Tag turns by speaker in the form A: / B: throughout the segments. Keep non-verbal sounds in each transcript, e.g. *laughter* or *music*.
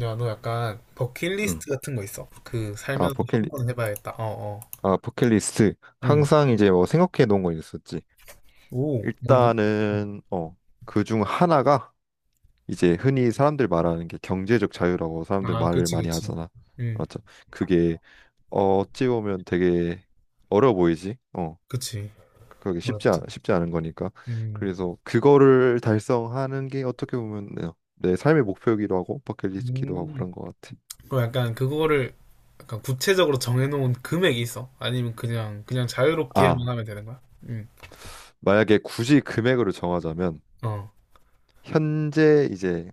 A: 야, 너 약간
B: 음.
A: 버킷리스트 같은 거 있어? 그
B: 아,
A: 살면서 한
B: 버킷리,
A: 번 해봐야겠다. 어, 어.
B: 아, 버킷리스트.
A: 응.
B: 항상 이제 뭐 생각해 놓은 거 있었지.
A: 오, 뭔데? 응.
B: 일단은, 어, 그 중 하나가 이제 흔히 사람들 말하는 게 경제적 자유라고 사람들
A: 아,
B: 말을
A: 그치,
B: 많이
A: 그치.
B: 하잖아.
A: 응,
B: 맞죠? 그게 어찌 보면 되게 어려 보이지? 어,
A: 그치.
B: 그게
A: 어렵지.
B: 쉽지 않은 거니까.
A: 음.
B: 그래서 그거를 달성하는 게 어떻게 보면 내 삶의 목표이기도 하고 버킷리스트기도 하고 그런
A: 음.
B: 것 같아.
A: 그럼 약간 그거를 약간 구체적으로 정해놓은 금액이 있어? 아니면 그냥 자유롭게 하면
B: 아,
A: 하면 되는 거야? 응.
B: 만약에 굳이 금액으로 정하자면
A: 어.
B: 현재 이제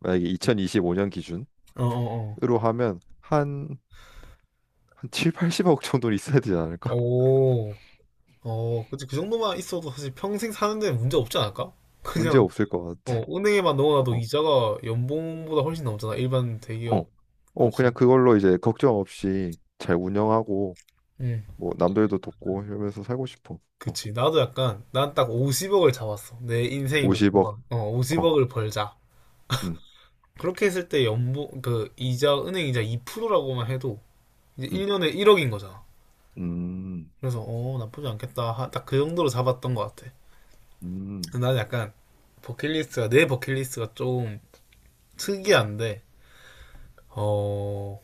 B: 만약에 2025년 기준으로
A: 어, 어,
B: 하면 한 7, 80억 정도는 있어야 되지
A: 어.
B: 않을까? *laughs*
A: 오. 어, 그치. 그 정도만 있어도 사실 평생 사는데 문제 없지 않을까?
B: 문제
A: 그냥
B: 없을 것
A: 어,
B: 같아.
A: 은행에만 넣어놔도
B: 어,
A: 이자가 연봉보다 훨씬 넘잖아. 일반
B: 어,
A: 대기업.
B: 어,
A: 그치.
B: 그냥 그걸로 이제 걱정 없이 잘 운영하고
A: 응.
B: 뭐 남들도 돕고 이러면서 살고 싶어. 어,
A: 그치. 나도 약간, 난 딱 50억을 잡았어. 내 인생의 목표가.
B: 50억.
A: 어,
B: 어,
A: 50억을 벌자.
B: 음,
A: 그렇게 했을 때 연봉, 그, 이자, 은행 이자 2%라고만 해도 이제
B: 음,
A: 1년에 1억인 거잖아.
B: 음,
A: 그래서, 어, 나쁘지 않겠다. 딱 그 정도로 잡았던 것 같아.
B: 음.
A: 나는 약간, 내 버킷리스트가 좀 특이한데, 어,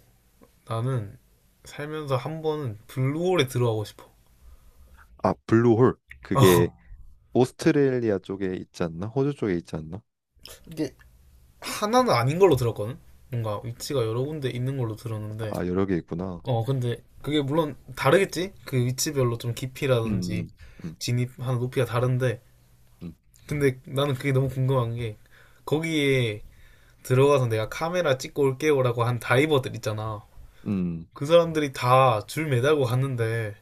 A: 나는 살면서 한 번은 블루홀에 들어가고 싶어.
B: 아, 블루홀.
A: *laughs*
B: 그게
A: 어.
B: 오스트레일리아 쪽에 있지 않나? 호주 쪽에 있지 않나?
A: 이게 하나는 아닌 걸로 들었거든. 뭔가 위치가 여러 군데 있는 걸로 들었는데,
B: 아, 여러 개 있구나.
A: 어, 근데 그게 물론 다르겠지? 그 위치별로 좀
B: 음,
A: 깊이라든지
B: 음, 음,
A: 진입하는 높이가 다른데,
B: 음,
A: 근데 나는 그게 너무 궁금한 게, 거기에 들어가서 내가 카메라 찍고 올게요라고 한 다이버들 있잖아.
B: 음,
A: 그 사람들이 다 줄 매달고 갔는데,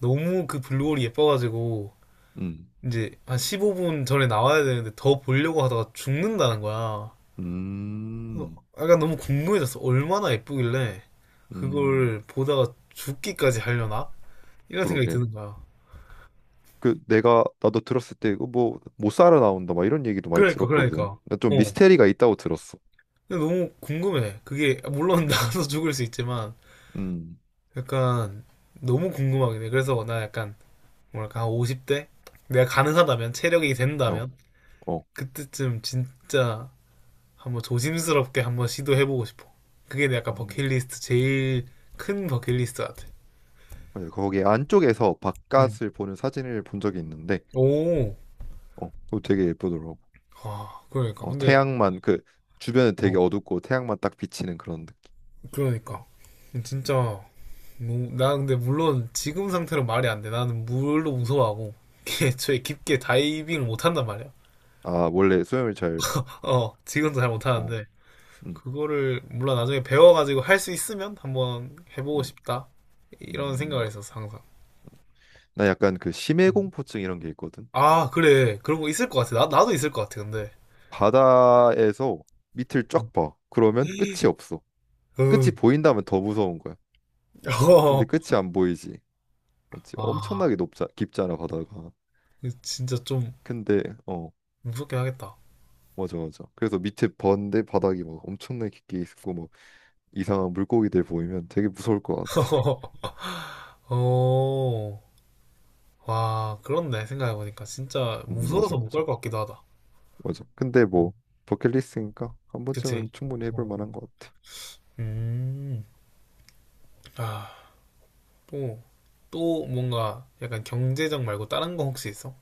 A: 너무 그 블루홀이 예뻐가지고, 이제 한 15분 전에 나와야 되는데 더 보려고 하다가 죽는다는 거야.
B: 음, 음,
A: 약간 너무 궁금해졌어. 얼마나 예쁘길래
B: 음.
A: 그걸 보다가 죽기까지 하려나? 이런 생각이
B: 그러게.
A: 드는 거야.
B: 그 내가 나도 들었을 때 이거 뭐못 살아 나온다 막 이런 얘기도 많이
A: 그러니까, 그러니까.
B: 들었거든. 나좀
A: 어.
B: 미스테리가 있다고 들었어.
A: 근데 너무 궁금해. 그게, 물론 *laughs*
B: 음.
A: 나도 죽을 수 있지만,
B: 음,
A: 약간 너무 궁금하긴 해. 그래서 나 약간, 뭐랄까, 한 50대? 내가 가능하다면, 체력이
B: 어,
A: 된다면,
B: 어.
A: 그때쯤 진짜 한번 조심스럽게 한번 시도해보고 싶어. 그게 내 약간
B: 음.
A: 버킷리스트, 제일 큰 버킷리스트 같아.
B: 맞아. 거기 안쪽에서
A: 응.
B: 바깥을 보는 사진을 본 적이 있는데,
A: 오.
B: 어, 그거 되게 예쁘더라고.
A: 아, 그러니까.
B: 어,
A: 근데,
B: 태양만 그 주변은
A: 어.
B: 되게 어둡고 태양만 딱 비치는 그런 느낌.
A: 그러니까 진짜
B: 음.
A: 뭐, 나 근데 물론 지금 상태로 말이 안 돼. 나는 물로 무서워하고 애초에 깊게 다이빙을 못 한단 말이야.
B: 아, 원래 수영을 잘,
A: 어, 지금도 잘 못
B: 어,
A: 하는데
B: 음,
A: 그거를 물론 나중에 배워가지고 할 수 있으면 한번 해보고
B: 음,
A: 싶다. 이런 생각을
B: 음.
A: 했었어 항상.
B: 나 약간 그 심해
A: 음.
B: 공포증 이런 게 있거든.
A: 아 그래 그런 거 있을 것 같아. 나 나도 있을 것 같아 근데.
B: 바다에서 밑을
A: 음.
B: 쫙 봐. 그러면 끝이 없어. 끝이
A: 음.
B: 보인다면 더 무서운 거야. 근데
A: 어,
B: 끝이 안 보이지. 맞지?
A: 아
B: 엄청나게 높자, 깊잖아, 바다가.
A: 진짜 좀
B: 근데, 어,
A: 무섭긴 하겠다.
B: 맞아, 맞아. 그래서 밑에 번데 바닥이 막 엄청나게 깊게 있고, 막 이상한 물고기들 보이면 되게 무서울 것 같아.
A: *laughs* 어. 와, 그렇네. 생각해보니까. 진짜
B: 맞아,
A: 무서워서 못
B: 맞아.
A: 갈 것 같기도 하다.
B: 맞아. 근데 뭐, 버킷리스트니까 한
A: 그치?
B: 번쯤은 충분히 해볼
A: 어.
B: 만한 것 같아.
A: 음. 아, 또, 또 뭔가 약간 경제적 말고 다른 거 혹시 있어?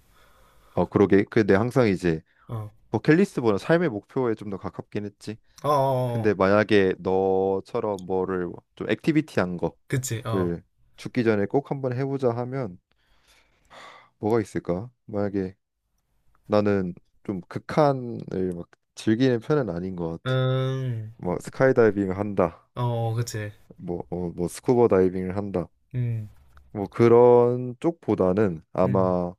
B: 어, 그러게. 근데 항상 이제
A: 어.
B: 버킷리스트보다 삶의 목표에 좀 더 가깝긴 했지.
A: 어, 어, 어.
B: 근데
A: 어.
B: 만약에 너처럼 뭐를 좀 액티비티한
A: 그치, 어.
B: 거를 죽기 전에 꼭 한번 해보자 하면 뭐가 있을까? 만약에 나는 좀 극한을 막 즐기는 편은 아닌 것 같아.
A: 음,
B: 뭐 스카이다이빙을 한다,
A: 어, 어, 그치.
B: 뭐 스쿠버 다이빙을 한다,
A: 음,
B: 뭐 그런 쪽보다는
A: 음.
B: 아마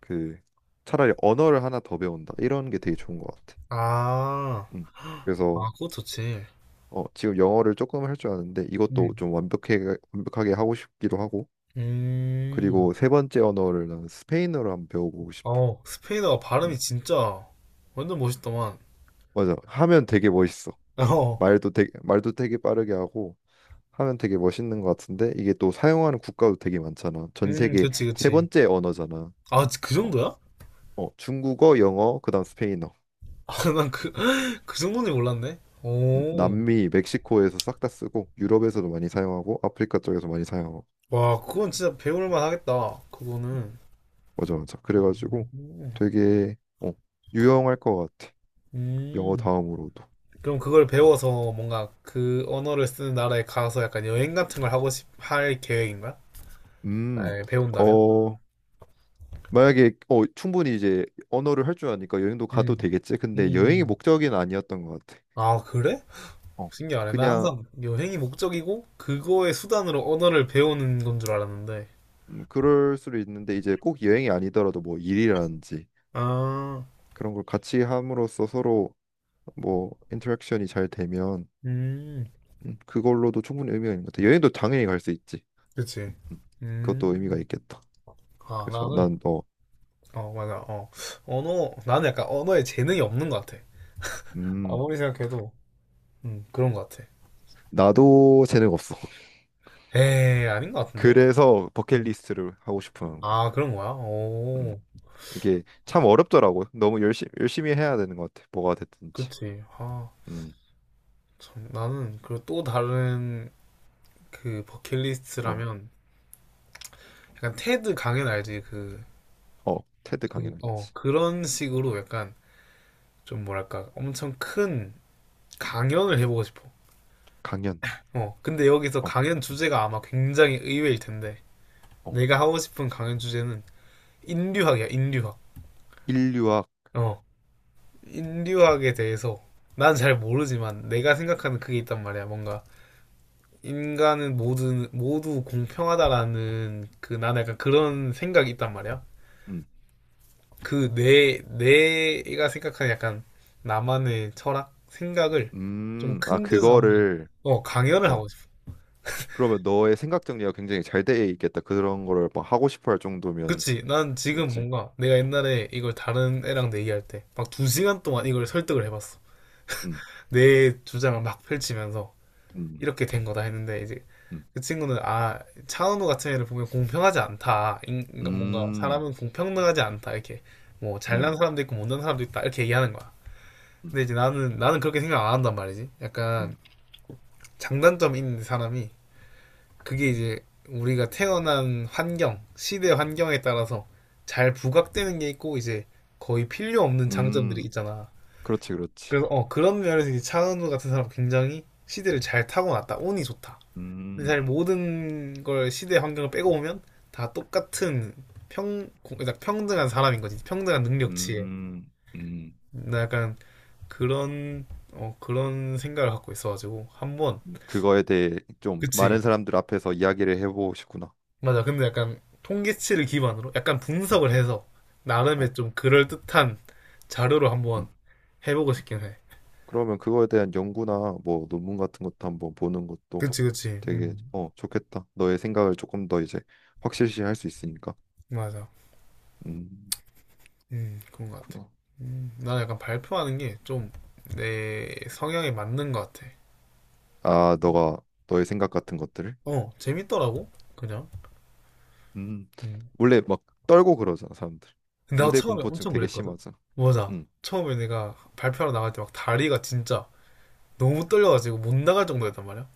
B: 그 차라리 언어를 하나 더 배운다 이런 게 되게 좋은 것 같아.
A: 아,
B: 음. 그래서
A: 아, 그거 좋지.
B: 어, 지금 영어를 조금 할 줄 아는데 이것도
A: 음,
B: 좀 완벽하게 완벽하게 하고 싶기도 하고
A: 음.
B: 그리고 세 번째 언어를 나는 스페인어로 한번 배워보고 싶어.
A: 어, 스페인어
B: 음.
A: 발음이 진짜 완전 멋있더만.
B: 맞아. 하면 되게 멋있어.
A: 어,
B: 말도 되게 빠르게 하고. 하면 되게 멋있는 것 같은데 이게 또 사용하는 국가도 되게 많잖아. 전 세계
A: 그치,
B: 세
A: 그치.
B: 번째 언어잖아.
A: 아, 그
B: 어,
A: 정도야?
B: 어, 중국어, 영어, 그다음 스페인어.
A: *laughs* 난 그 정도는 몰랐네. 오.
B: 남미, 멕시코에서 싹 다 쓰고 유럽에서도 많이 사용하고 아프리카 쪽에서 많이 사용하고
A: 와, 그건 진짜 배울만 하겠다. 그거는.
B: 맞아 맞아. 그래가지고
A: 음.
B: 되게 어, 유용할 것 같아. 영어
A: 음.
B: 다음으로도.
A: 그럼 그걸 배워서 뭔가 그 언어를 쓰는 나라에 가서 약간 여행 같은 걸 할 계획인 거야?
B: 음,
A: 만약에 배운다면?
B: 어 만약에 어 충분히 이제 언어를 할 줄 아니까 여행도 가도
A: 음.
B: 되겠지.
A: 음.
B: 근데 여행이
A: 음.
B: 목적은 아니었던 것 같아.
A: 아, 그래?
B: 어,
A: 신기하네. 나
B: 그냥
A: 항상 여행이 목적이고 그거의 수단으로 언어를 배우는 건 줄 알았는데.
B: 그럴 수도 있는데 이제 꼭 여행이 아니더라도 뭐 일이라든지
A: 아,
B: 그런 걸 같이 함으로써 서로 뭐 인터랙션이 잘 되면
A: 음,
B: 그걸로도 충분히 의미가 있는 것 같아. 여행도 당연히 갈 수 있지.
A: 그치.
B: 음, 그것도 의미가
A: 음,
B: 있겠다.
A: 아,
B: 그래서
A: 나는
B: 난 어,
A: 어, 맞아. 어. 언어, 나는 약간 언어에 재능이 없는 것 같아.
B: 음,
A: 아무리 생각해도, 그런 것 같아.
B: 나도 재능 없어. *laughs*
A: 에이, 아닌 것 같은데?
B: 그래서
A: 음.
B: 버킷리스트를 하고 싶어 하는 거야.
A: 아, 그런 거야?
B: 음,
A: 오,
B: 이게 참 어렵더라고. 너무 열심히 열심히 해야 되는 것 같아. 뭐가 됐든지.
A: 그치. 아,
B: 음,
A: 참, 나는, 그 또 다른, 그,
B: 어,
A: 버킷리스트라면, 약간 테드 강연 알지?
B: 어, 테드 강연하겠지.
A: 그런 식으로 약간, 좀 뭐랄까, 엄청 큰 강연을 해보고 싶어.
B: 강연.
A: 어, 근데 여기서
B: 어,
A: 강연 주제가 아마 굉장히 의외일 텐데,
B: 어,
A: 내가 하고 싶은 강연 주제는 인류학이야, 인류학.
B: 인류학.
A: 어. 인류학에 대해서 난 잘 모르지만 내가 생각하는 그게 있단 말이야. 뭔가 인간은 모두 모두 공평하다라는 그 나는 약간 그런 생각이 있단 말이야.
B: 음,
A: 그 내 내가 생각하는 약간 나만의 철학 생각을 좀
B: 아,
A: 큰 데서 한번
B: 그거를,
A: 강연을
B: 어,
A: 하고 싶어.
B: 그러면 너의 생각 정리가 굉장히 잘 돼 있겠다. 그런 거를 막 하고 싶어 할 정도면,
A: 그치? 난 지금
B: 맞지?
A: 뭔가 내가 옛날에 이걸 다른 애랑 얘기할 때 막 2시간 동안 이걸 설득을 해봤어.
B: 음,
A: 내 주장을 막 펼치면서
B: 음,
A: 이렇게 된 거다 했는데 이제
B: 음,
A: 그 친구는 아 차은우 같은 애를 보면 공평하지 않다 그러니까 뭔가
B: 음,
A: 사람은 공평하지 않다 이렇게 뭐 잘난
B: 음,
A: 사람도 있고 못난 사람도 있다 이렇게 얘기하는 거야.
B: 음,
A: 근데 이제 나는 그렇게 생각 안 한단 말이지. 약간
B: 음,
A: 장단점 있는 사람이 그게 이제 우리가 태어난 환경 시대 환경에 따라서 잘 부각되는 게 있고 이제 거의 필요 없는 장점들이
B: 음,
A: 있잖아.
B: 그렇지, 그렇지.
A: 그래서 그런 면에서 이제 차은우 같은 사람 굉장히 시대를 잘 타고났다 운이 좋다. 근데
B: 음,
A: 사실 모든 걸 시대 환경을 빼고 보면 다 똑같은 그러니까 평등한 사람인 거지. 평등한 능력치에.
B: 음, 음,
A: 나 약간 그런, 그런 생각을 갖고 있어가지고. 한번,
B: 그거에 대해 좀 많은
A: 그치.
B: 사람들 앞에서 이야기를 해보고 싶구나.
A: 맞아. 근데 약간 통계치를 기반으로 약간 분석을 해서
B: 어,
A: 나름의 좀 그럴듯한 자료로
B: 음,
A: 한번 해보고
B: 음.
A: 싶긴 해.
B: 그러면 그거에 대한 연구나 뭐 논문 같은 것도 한번 보는 것도
A: 그치, 그치.
B: 되게, 어, 좋겠다. 너의 생각을 조금 더 이제 확실시 할 수 있으니까.
A: 맞아.
B: 음.
A: 그런 것 같아.
B: 구나.
A: 나는 약간 발표하는 게 좀 내 성향에 맞는 것 같아.
B: 아, 너가 너의 생각 같은 것들을?
A: 어, 재밌더라고, 그냥.
B: 음.
A: 음.
B: 원래 막 떨고 그러잖아, 사람들.
A: 근데 나
B: 무대
A: 처음에
B: 공포증
A: 엄청
B: 되게
A: 그랬거든?
B: 심하잖아.
A: 맞아.
B: 음.
A: 처음에 내가 발표하러 나갈 때 막 다리가 진짜 너무 떨려가지고 못 나갈 정도였단 말이야.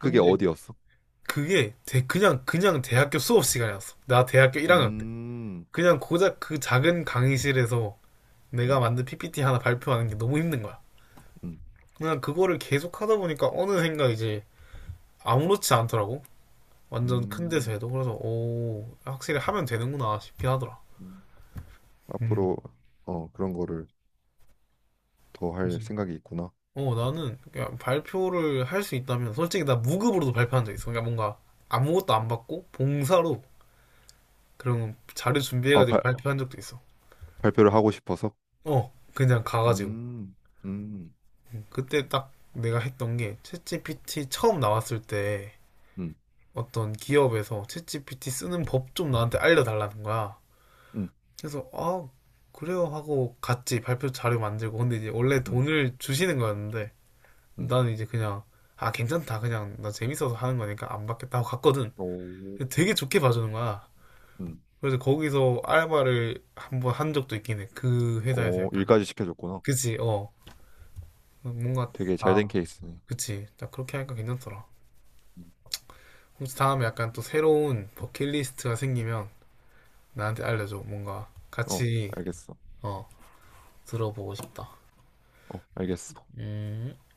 B: 그게
A: 근데
B: 어디였어?
A: 그게 그냥 대학교 수업 시간이었어. 나 대학교 1학년 때.
B: 음.
A: 그냥 고작 그 작은 강의실에서 내가
B: 음.
A: 만든 PPT 하나 발표하는 게 너무 힘든 거야.
B: 음.
A: 그냥 그거를 계속 하다 보니까 어느샌가 이제 아무렇지 않더라고. 완전 큰 데서
B: 음.
A: 해도. 그래서, 오, 확실히 하면 되는구나 싶긴 하더라.
B: 음.
A: 음.
B: 앞으로 어, 그런 거를 더 할 생각이 있구나.
A: 어, 나는 그냥 발표를 할 수 있다면 솔직히 나 무급으로도 발표한 적 있어. 그러니까 뭔가 아무것도 안 받고 봉사로 그런 자료
B: 아,
A: 준비해가지고 발표한 적도 있어.
B: 발표를 하고 싶어서.
A: 어, 그냥 가가지고.
B: 음. 음.
A: 그때 딱 내가 했던 게 챗GPT 처음 나왔을 때
B: 음.
A: 어떤 기업에서 챗GPT 쓰는 법 좀 나한테 알려달라는 거야.
B: 음.
A: 그래서 아, 그래요 하고 같이 발표 자료 만들고 근데 이제 원래
B: 음.
A: 돈을 주시는 거였는데
B: 음.
A: 나는 이제 그냥 아, 괜찮다. 그냥 나 재밌어서 하는 거니까 안 받겠다 하고 갔거든.
B: 오.
A: 되게 좋게 봐주는 거야.
B: 음.
A: 그래서 거기서 알바를 한번 한 적도 있긴 해. 그 회사에서
B: 오,
A: 약간.
B: 일까지 시켜줬구나.
A: 그치, 어. 뭔가,
B: 되게 잘된
A: 아,
B: 케이스네.
A: 그치. 딱 그렇게 하니까 괜찮더라.
B: 음.
A: 혹시 다음에 약간 또 새로운 버킷리스트가 생기면 나한테 알려줘. 뭔가
B: 어,
A: 같이,
B: 알겠어.
A: 어, 들어보고 싶다.
B: 어, 알겠어.
A: 음.